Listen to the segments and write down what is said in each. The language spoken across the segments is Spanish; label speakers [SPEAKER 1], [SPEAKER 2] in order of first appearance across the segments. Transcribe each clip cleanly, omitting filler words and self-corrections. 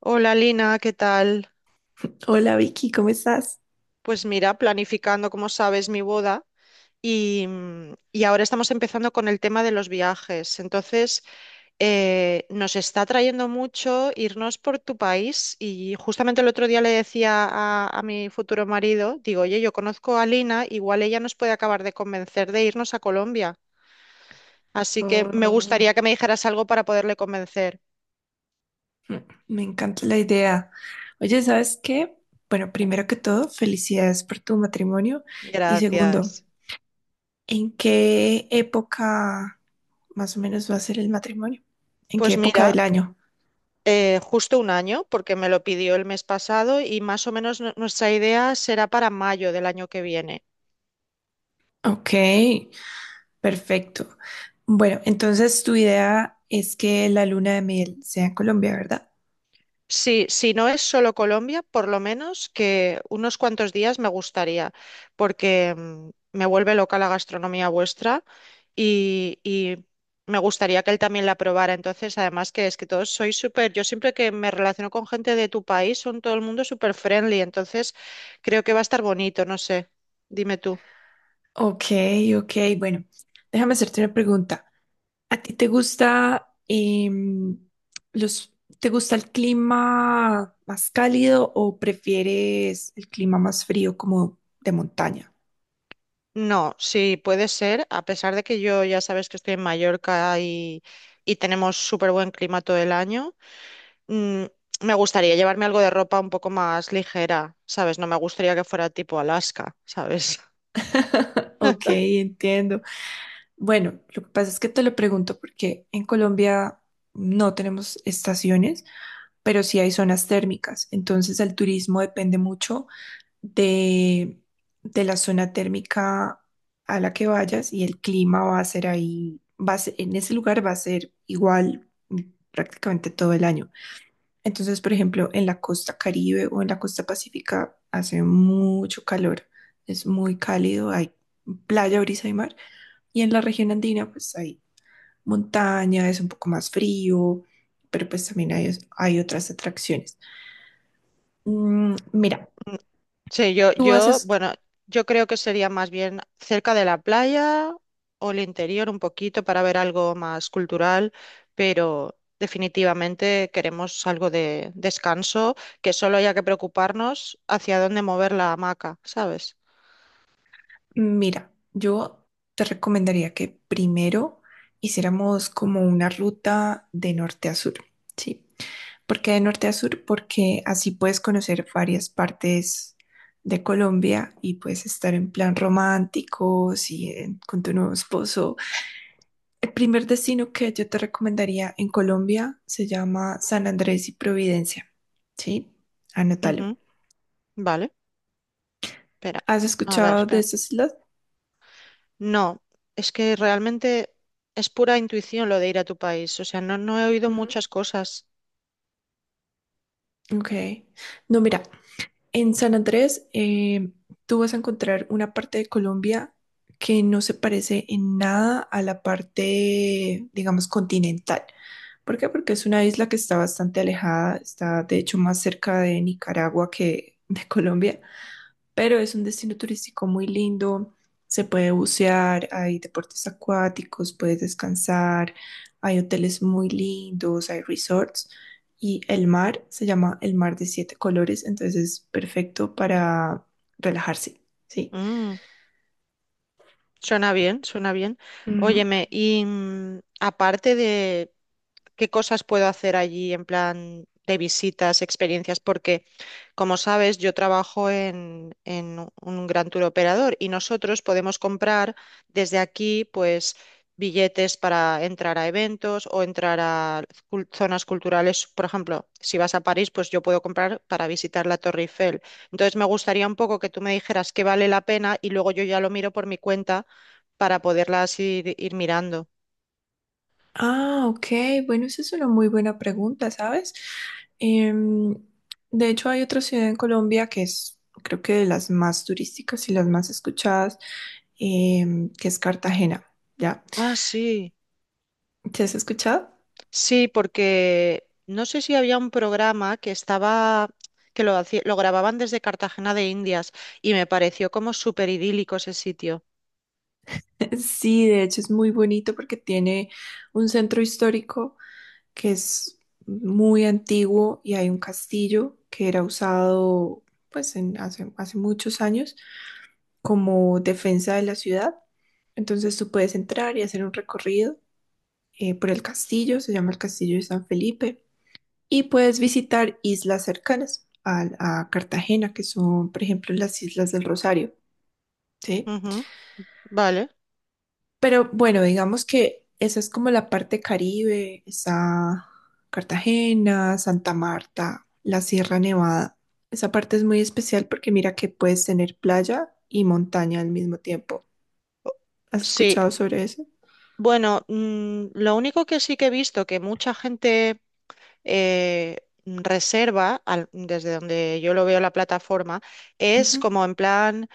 [SPEAKER 1] Hola Lina, ¿qué tal?
[SPEAKER 2] Hola Vicky, ¿cómo estás?
[SPEAKER 1] Pues mira, planificando, como sabes, mi boda y ahora estamos empezando con el tema de los viajes. Entonces, nos está atrayendo mucho irnos por tu país y justamente el otro día le decía a mi futuro marido, digo, oye, yo conozco a Lina, igual ella nos puede acabar de convencer de irnos a Colombia. Así que me
[SPEAKER 2] Oh,
[SPEAKER 1] gustaría que me dijeras algo para poderle convencer.
[SPEAKER 2] mm, me encanta la idea. Oye, ¿sabes qué? Bueno, primero que todo, felicidades por tu matrimonio. Y segundo,
[SPEAKER 1] Gracias.
[SPEAKER 2] ¿en qué época más o menos va a ser el matrimonio? ¿En qué
[SPEAKER 1] Pues
[SPEAKER 2] época del
[SPEAKER 1] mira.
[SPEAKER 2] año?
[SPEAKER 1] Justo un año, porque me lo pidió el mes pasado y más o menos nuestra idea será para mayo del año que viene.
[SPEAKER 2] Ok, perfecto. Bueno, entonces tu idea es que la luna de miel sea en Colombia, ¿verdad?
[SPEAKER 1] Sí, si no es solo Colombia, por lo menos que unos cuantos días me gustaría, porque me vuelve loca la gastronomía vuestra y me gustaría que él también la probara. Entonces, además que es que todos sois súper, yo siempre que me relaciono con gente de tu país, son todo el mundo súper friendly, entonces creo que va a estar bonito, no sé, dime tú.
[SPEAKER 2] Ok, ok, bueno, déjame hacerte una pregunta. ¿A ti te gusta em, los, te gusta el clima más cálido o prefieres el clima más frío como de montaña?
[SPEAKER 1] No, sí, puede ser, a pesar de que yo ya sabes que estoy en Mallorca y tenemos súper buen clima todo el año. mm, Me gustaría llevarme algo de ropa un poco más ligera, ¿sabes? No me gustaría que fuera tipo Alaska, ¿sabes?
[SPEAKER 2] Ok, entiendo. Bueno, lo que pasa es que te lo pregunto porque en Colombia no tenemos estaciones, pero sí hay zonas térmicas. Entonces el turismo depende mucho de, de la zona térmica a la que vayas y el clima va a ser ahí, en ese lugar va a ser igual, prácticamente todo el año. Entonces, por ejemplo, en la costa Caribe o en la costa Pacífica hace mucho calor, es muy cálido, hay playa, brisa y mar. Y en la región andina, pues hay montaña, es un poco más frío, pero pues también hay otras atracciones. Mm, mira,
[SPEAKER 1] Sí,
[SPEAKER 2] tú haces.
[SPEAKER 1] bueno, yo creo que sería más bien cerca de la playa o el interior un poquito para ver algo más cultural, pero definitivamente queremos algo de descanso, que solo haya que preocuparnos hacia dónde mover la hamaca, ¿sabes?
[SPEAKER 2] Mira, yo te recomendaría que primero hiciéramos como una ruta de norte a sur, ¿sí? ¿Por qué de norte a sur? Porque así puedes conocer varias partes de Colombia y puedes estar en plan romántico, sí, con tu nuevo esposo. El primer destino que yo te recomendaría en Colombia se llama San Andrés y Providencia, ¿sí? Anótalo.
[SPEAKER 1] Ujú, vale, espera.
[SPEAKER 2] ¿Has
[SPEAKER 1] A ver,
[SPEAKER 2] escuchado de
[SPEAKER 1] espera.
[SPEAKER 2] esas islas?
[SPEAKER 1] No, es que realmente es pura intuición lo de ir a tu país, o sea, no he oído
[SPEAKER 2] Ujú.
[SPEAKER 1] muchas cosas.
[SPEAKER 2] Ok. No, mira, en San Andrés, tú vas a encontrar una parte de Colombia que no se parece en nada a la parte, digamos, continental. ¿Por qué? Porque es una isla que está bastante alejada, está de hecho más cerca de Nicaragua que de Colombia, pero es un destino turístico muy lindo. Se puede bucear, hay deportes acuáticos, puedes descansar, hay hoteles muy lindos, hay resorts y el mar se llama el mar de siete colores, entonces es perfecto para relajarse, ¿sí?
[SPEAKER 1] Mm. Suena bien, suena bien.
[SPEAKER 2] Ujú.
[SPEAKER 1] Óyeme, y aparte de qué cosas puedo hacer allí en plan de visitas, experiencias, porque como sabes, yo trabajo en un gran tour operador y nosotros podemos comprar desde aquí, pues, billetes para entrar a eventos o entrar a zonas culturales. Por ejemplo, si vas a París, pues yo puedo comprar para visitar la Torre Eiffel. Entonces, me gustaría un poco que tú me dijeras qué vale la pena y luego yo ya lo miro por mi cuenta para poderlas ir mirando.
[SPEAKER 2] Ah, ok. Bueno, esa es una muy buena pregunta, ¿sabes? Em, de hecho, hay otra ciudad en Colombia que es, creo que de las más turísticas y las más escuchadas, que es Cartagena, ¿ya?
[SPEAKER 1] Ah, sí,
[SPEAKER 2] ¿Te has escuchado?
[SPEAKER 1] sí, porque no sé si había un programa que estaba, que lo grababan desde Cartagena de Indias y me pareció como súper idílico ese sitio.
[SPEAKER 2] Sí, de hecho es muy bonito porque tiene un centro histórico que es muy antiguo y hay un castillo que era usado pues hace, hace muchos años como defensa de la ciudad. Entonces tú puedes entrar y hacer un recorrido, por el castillo, se llama el Castillo de San Felipe, y puedes visitar islas cercanas a Cartagena, que son, por ejemplo, las Islas del Rosario, ¿sí?
[SPEAKER 1] Ujú, vale,
[SPEAKER 2] Pero bueno, digamos que esa es como la parte Caribe, está Cartagena, Santa Marta, la Sierra Nevada. Esa parte es muy especial porque mira que puedes tener playa y montaña al mismo tiempo. ¿Has
[SPEAKER 1] sí.
[SPEAKER 2] escuchado sobre eso?
[SPEAKER 1] Bueno, lo único que sí que he visto que mucha gente eh, reserva, desde donde yo lo veo en la plataforma, es
[SPEAKER 2] Ujú.
[SPEAKER 1] como en plan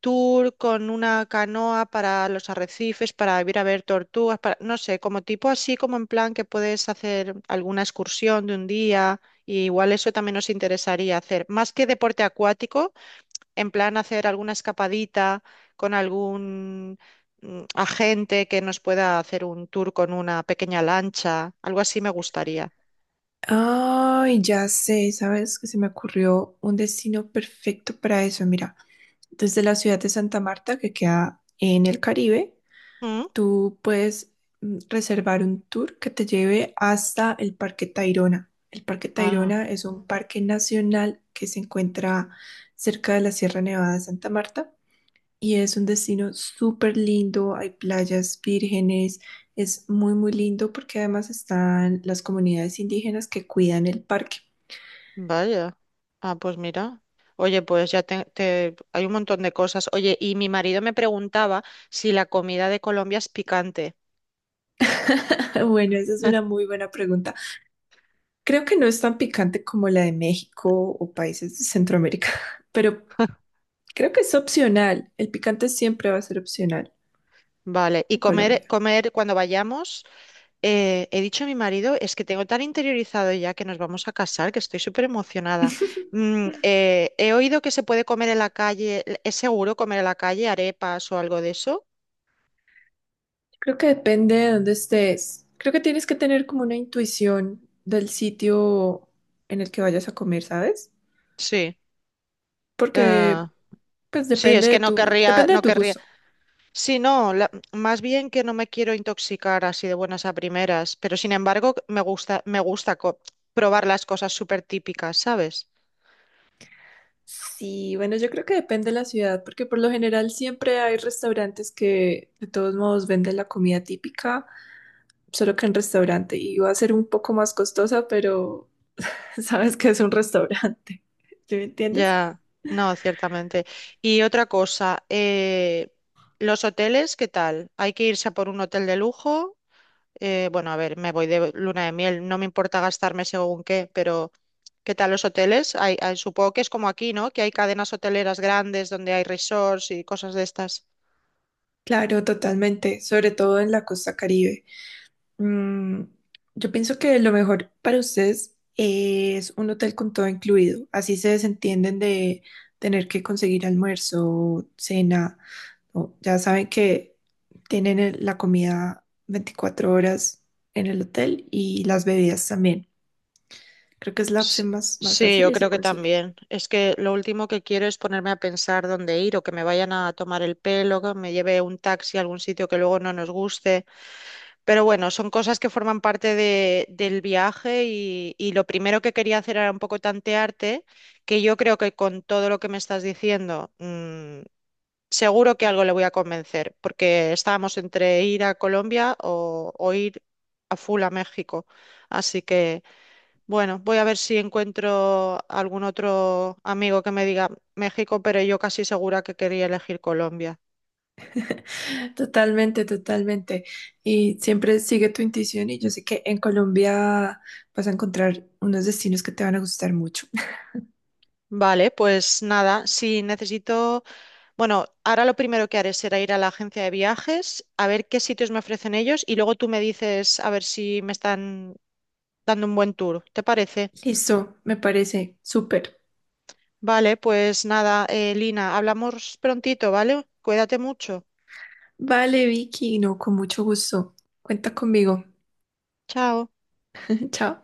[SPEAKER 1] tour con una canoa para los arrecifes, para ir a ver tortugas, para, no sé, como tipo así, como en plan que puedes hacer alguna excursión de un día, y igual eso también nos interesaría hacer, más que deporte acuático, en plan hacer alguna escapadita con algún agente que nos pueda hacer un tour con una pequeña lancha, algo así me gustaría.
[SPEAKER 2] Ay, ya sé, sabes que se me ocurrió un destino perfecto para eso. Mira, desde la ciudad de Santa Marta, que queda en el Caribe,
[SPEAKER 1] ¿Mm?
[SPEAKER 2] tú puedes reservar un tour que te lleve hasta el Parque Tayrona. El Parque
[SPEAKER 1] Ah,
[SPEAKER 2] Tayrona es un parque nacional que se encuentra cerca de la Sierra Nevada de Santa Marta y es un destino súper lindo. Hay playas vírgenes, es muy, muy lindo porque además están las comunidades indígenas que cuidan el parque.
[SPEAKER 1] vaya. Ah, pues mira. Oye, pues ya hay un montón de cosas. Oye, y mi marido me preguntaba si la comida de Colombia es picante.
[SPEAKER 2] Bueno, esa es una muy buena pregunta. Creo que no es tan picante como la de México o países de Centroamérica, pero creo que es opcional. El picante siempre va a ser opcional
[SPEAKER 1] Vale, y
[SPEAKER 2] en Colombia.
[SPEAKER 1] comer cuando vayamos, he dicho a mi marido, es que tengo tan interiorizado ya que nos vamos a casar, que estoy súper emocionada. He oído que se puede comer en la calle. ¿Es seguro comer en la calle arepas o algo de eso?
[SPEAKER 2] Creo que depende de dónde estés. Creo que tienes que tener como una intuición del sitio en el que vayas a comer, ¿sabes?
[SPEAKER 1] Sí.
[SPEAKER 2] Porque
[SPEAKER 1] Ah,
[SPEAKER 2] pues
[SPEAKER 1] sí, es que
[SPEAKER 2] depende de
[SPEAKER 1] no
[SPEAKER 2] tu
[SPEAKER 1] querría
[SPEAKER 2] gusto.
[SPEAKER 1] sí, no, más bien que no me quiero intoxicar así de buenas a primeras, pero sin embargo me gusta probar las cosas súper típicas, ¿sabes?
[SPEAKER 2] Sí, bueno, yo creo que depende de la ciudad, porque por lo general siempre hay restaurantes que de todos modos venden la comida típica, solo que en restaurante, y va a ser un poco más costosa, pero sabes que es un restaurante. ¿Sí me entiendes?
[SPEAKER 1] Ya, no, ciertamente. Y otra cosa, los hoteles, ¿qué tal? ¿Hay que irse a por un hotel de lujo? Bueno, a ver, me voy de luna de miel, no me importa gastarme según qué, pero ¿qué tal los hoteles? Supongo que es como aquí, ¿no? Que hay cadenas hoteleras grandes donde hay resorts y cosas de estas.
[SPEAKER 2] Claro, totalmente, sobre todo en la costa Caribe. Mm, yo pienso que lo mejor para ustedes es un hotel con todo incluido. Así se desentienden de tener que conseguir almuerzo, cena. Ya saben que tienen la comida 24 horas en el hotel y las bebidas también. Creo que es la
[SPEAKER 1] S-
[SPEAKER 2] opción más, más
[SPEAKER 1] Sí,
[SPEAKER 2] fácil
[SPEAKER 1] yo
[SPEAKER 2] y se
[SPEAKER 1] creo que
[SPEAKER 2] consigue.
[SPEAKER 1] también. Es que lo último que quiero es ponerme a pensar dónde ir o que me vayan a tomar el pelo, que me lleve un taxi a algún sitio que luego no nos guste. Pero bueno, son cosas que forman parte del viaje y lo primero que quería hacer era un poco tantearte, que yo creo que con todo lo que me estás diciendo, seguro que algo le voy a convencer, porque estábamos entre ir a Colombia o ir a full a México. Así que... Bueno, voy a ver si encuentro algún otro amigo que me diga México, pero yo casi segura que quería elegir Colombia.
[SPEAKER 2] Totalmente, totalmente. Y siempre sigue tu intuición y yo sé que en Colombia vas a encontrar unos destinos que te van a gustar mucho.
[SPEAKER 1] Vale, pues nada, si necesito, bueno, ahora lo primero que haré será ir a la agencia de viajes, a ver qué sitios me ofrecen ellos y luego tú me dices a ver si me están dando un buen tour, ¿te parece?
[SPEAKER 2] Listo, me parece súper.
[SPEAKER 1] Vale, pues nada, Lina, hablamos prontito, ¿vale? Cuídate mucho.
[SPEAKER 2] Vale, Vicky, no, con mucho gusto. Cuenta conmigo.
[SPEAKER 1] Chao.
[SPEAKER 2] Chao.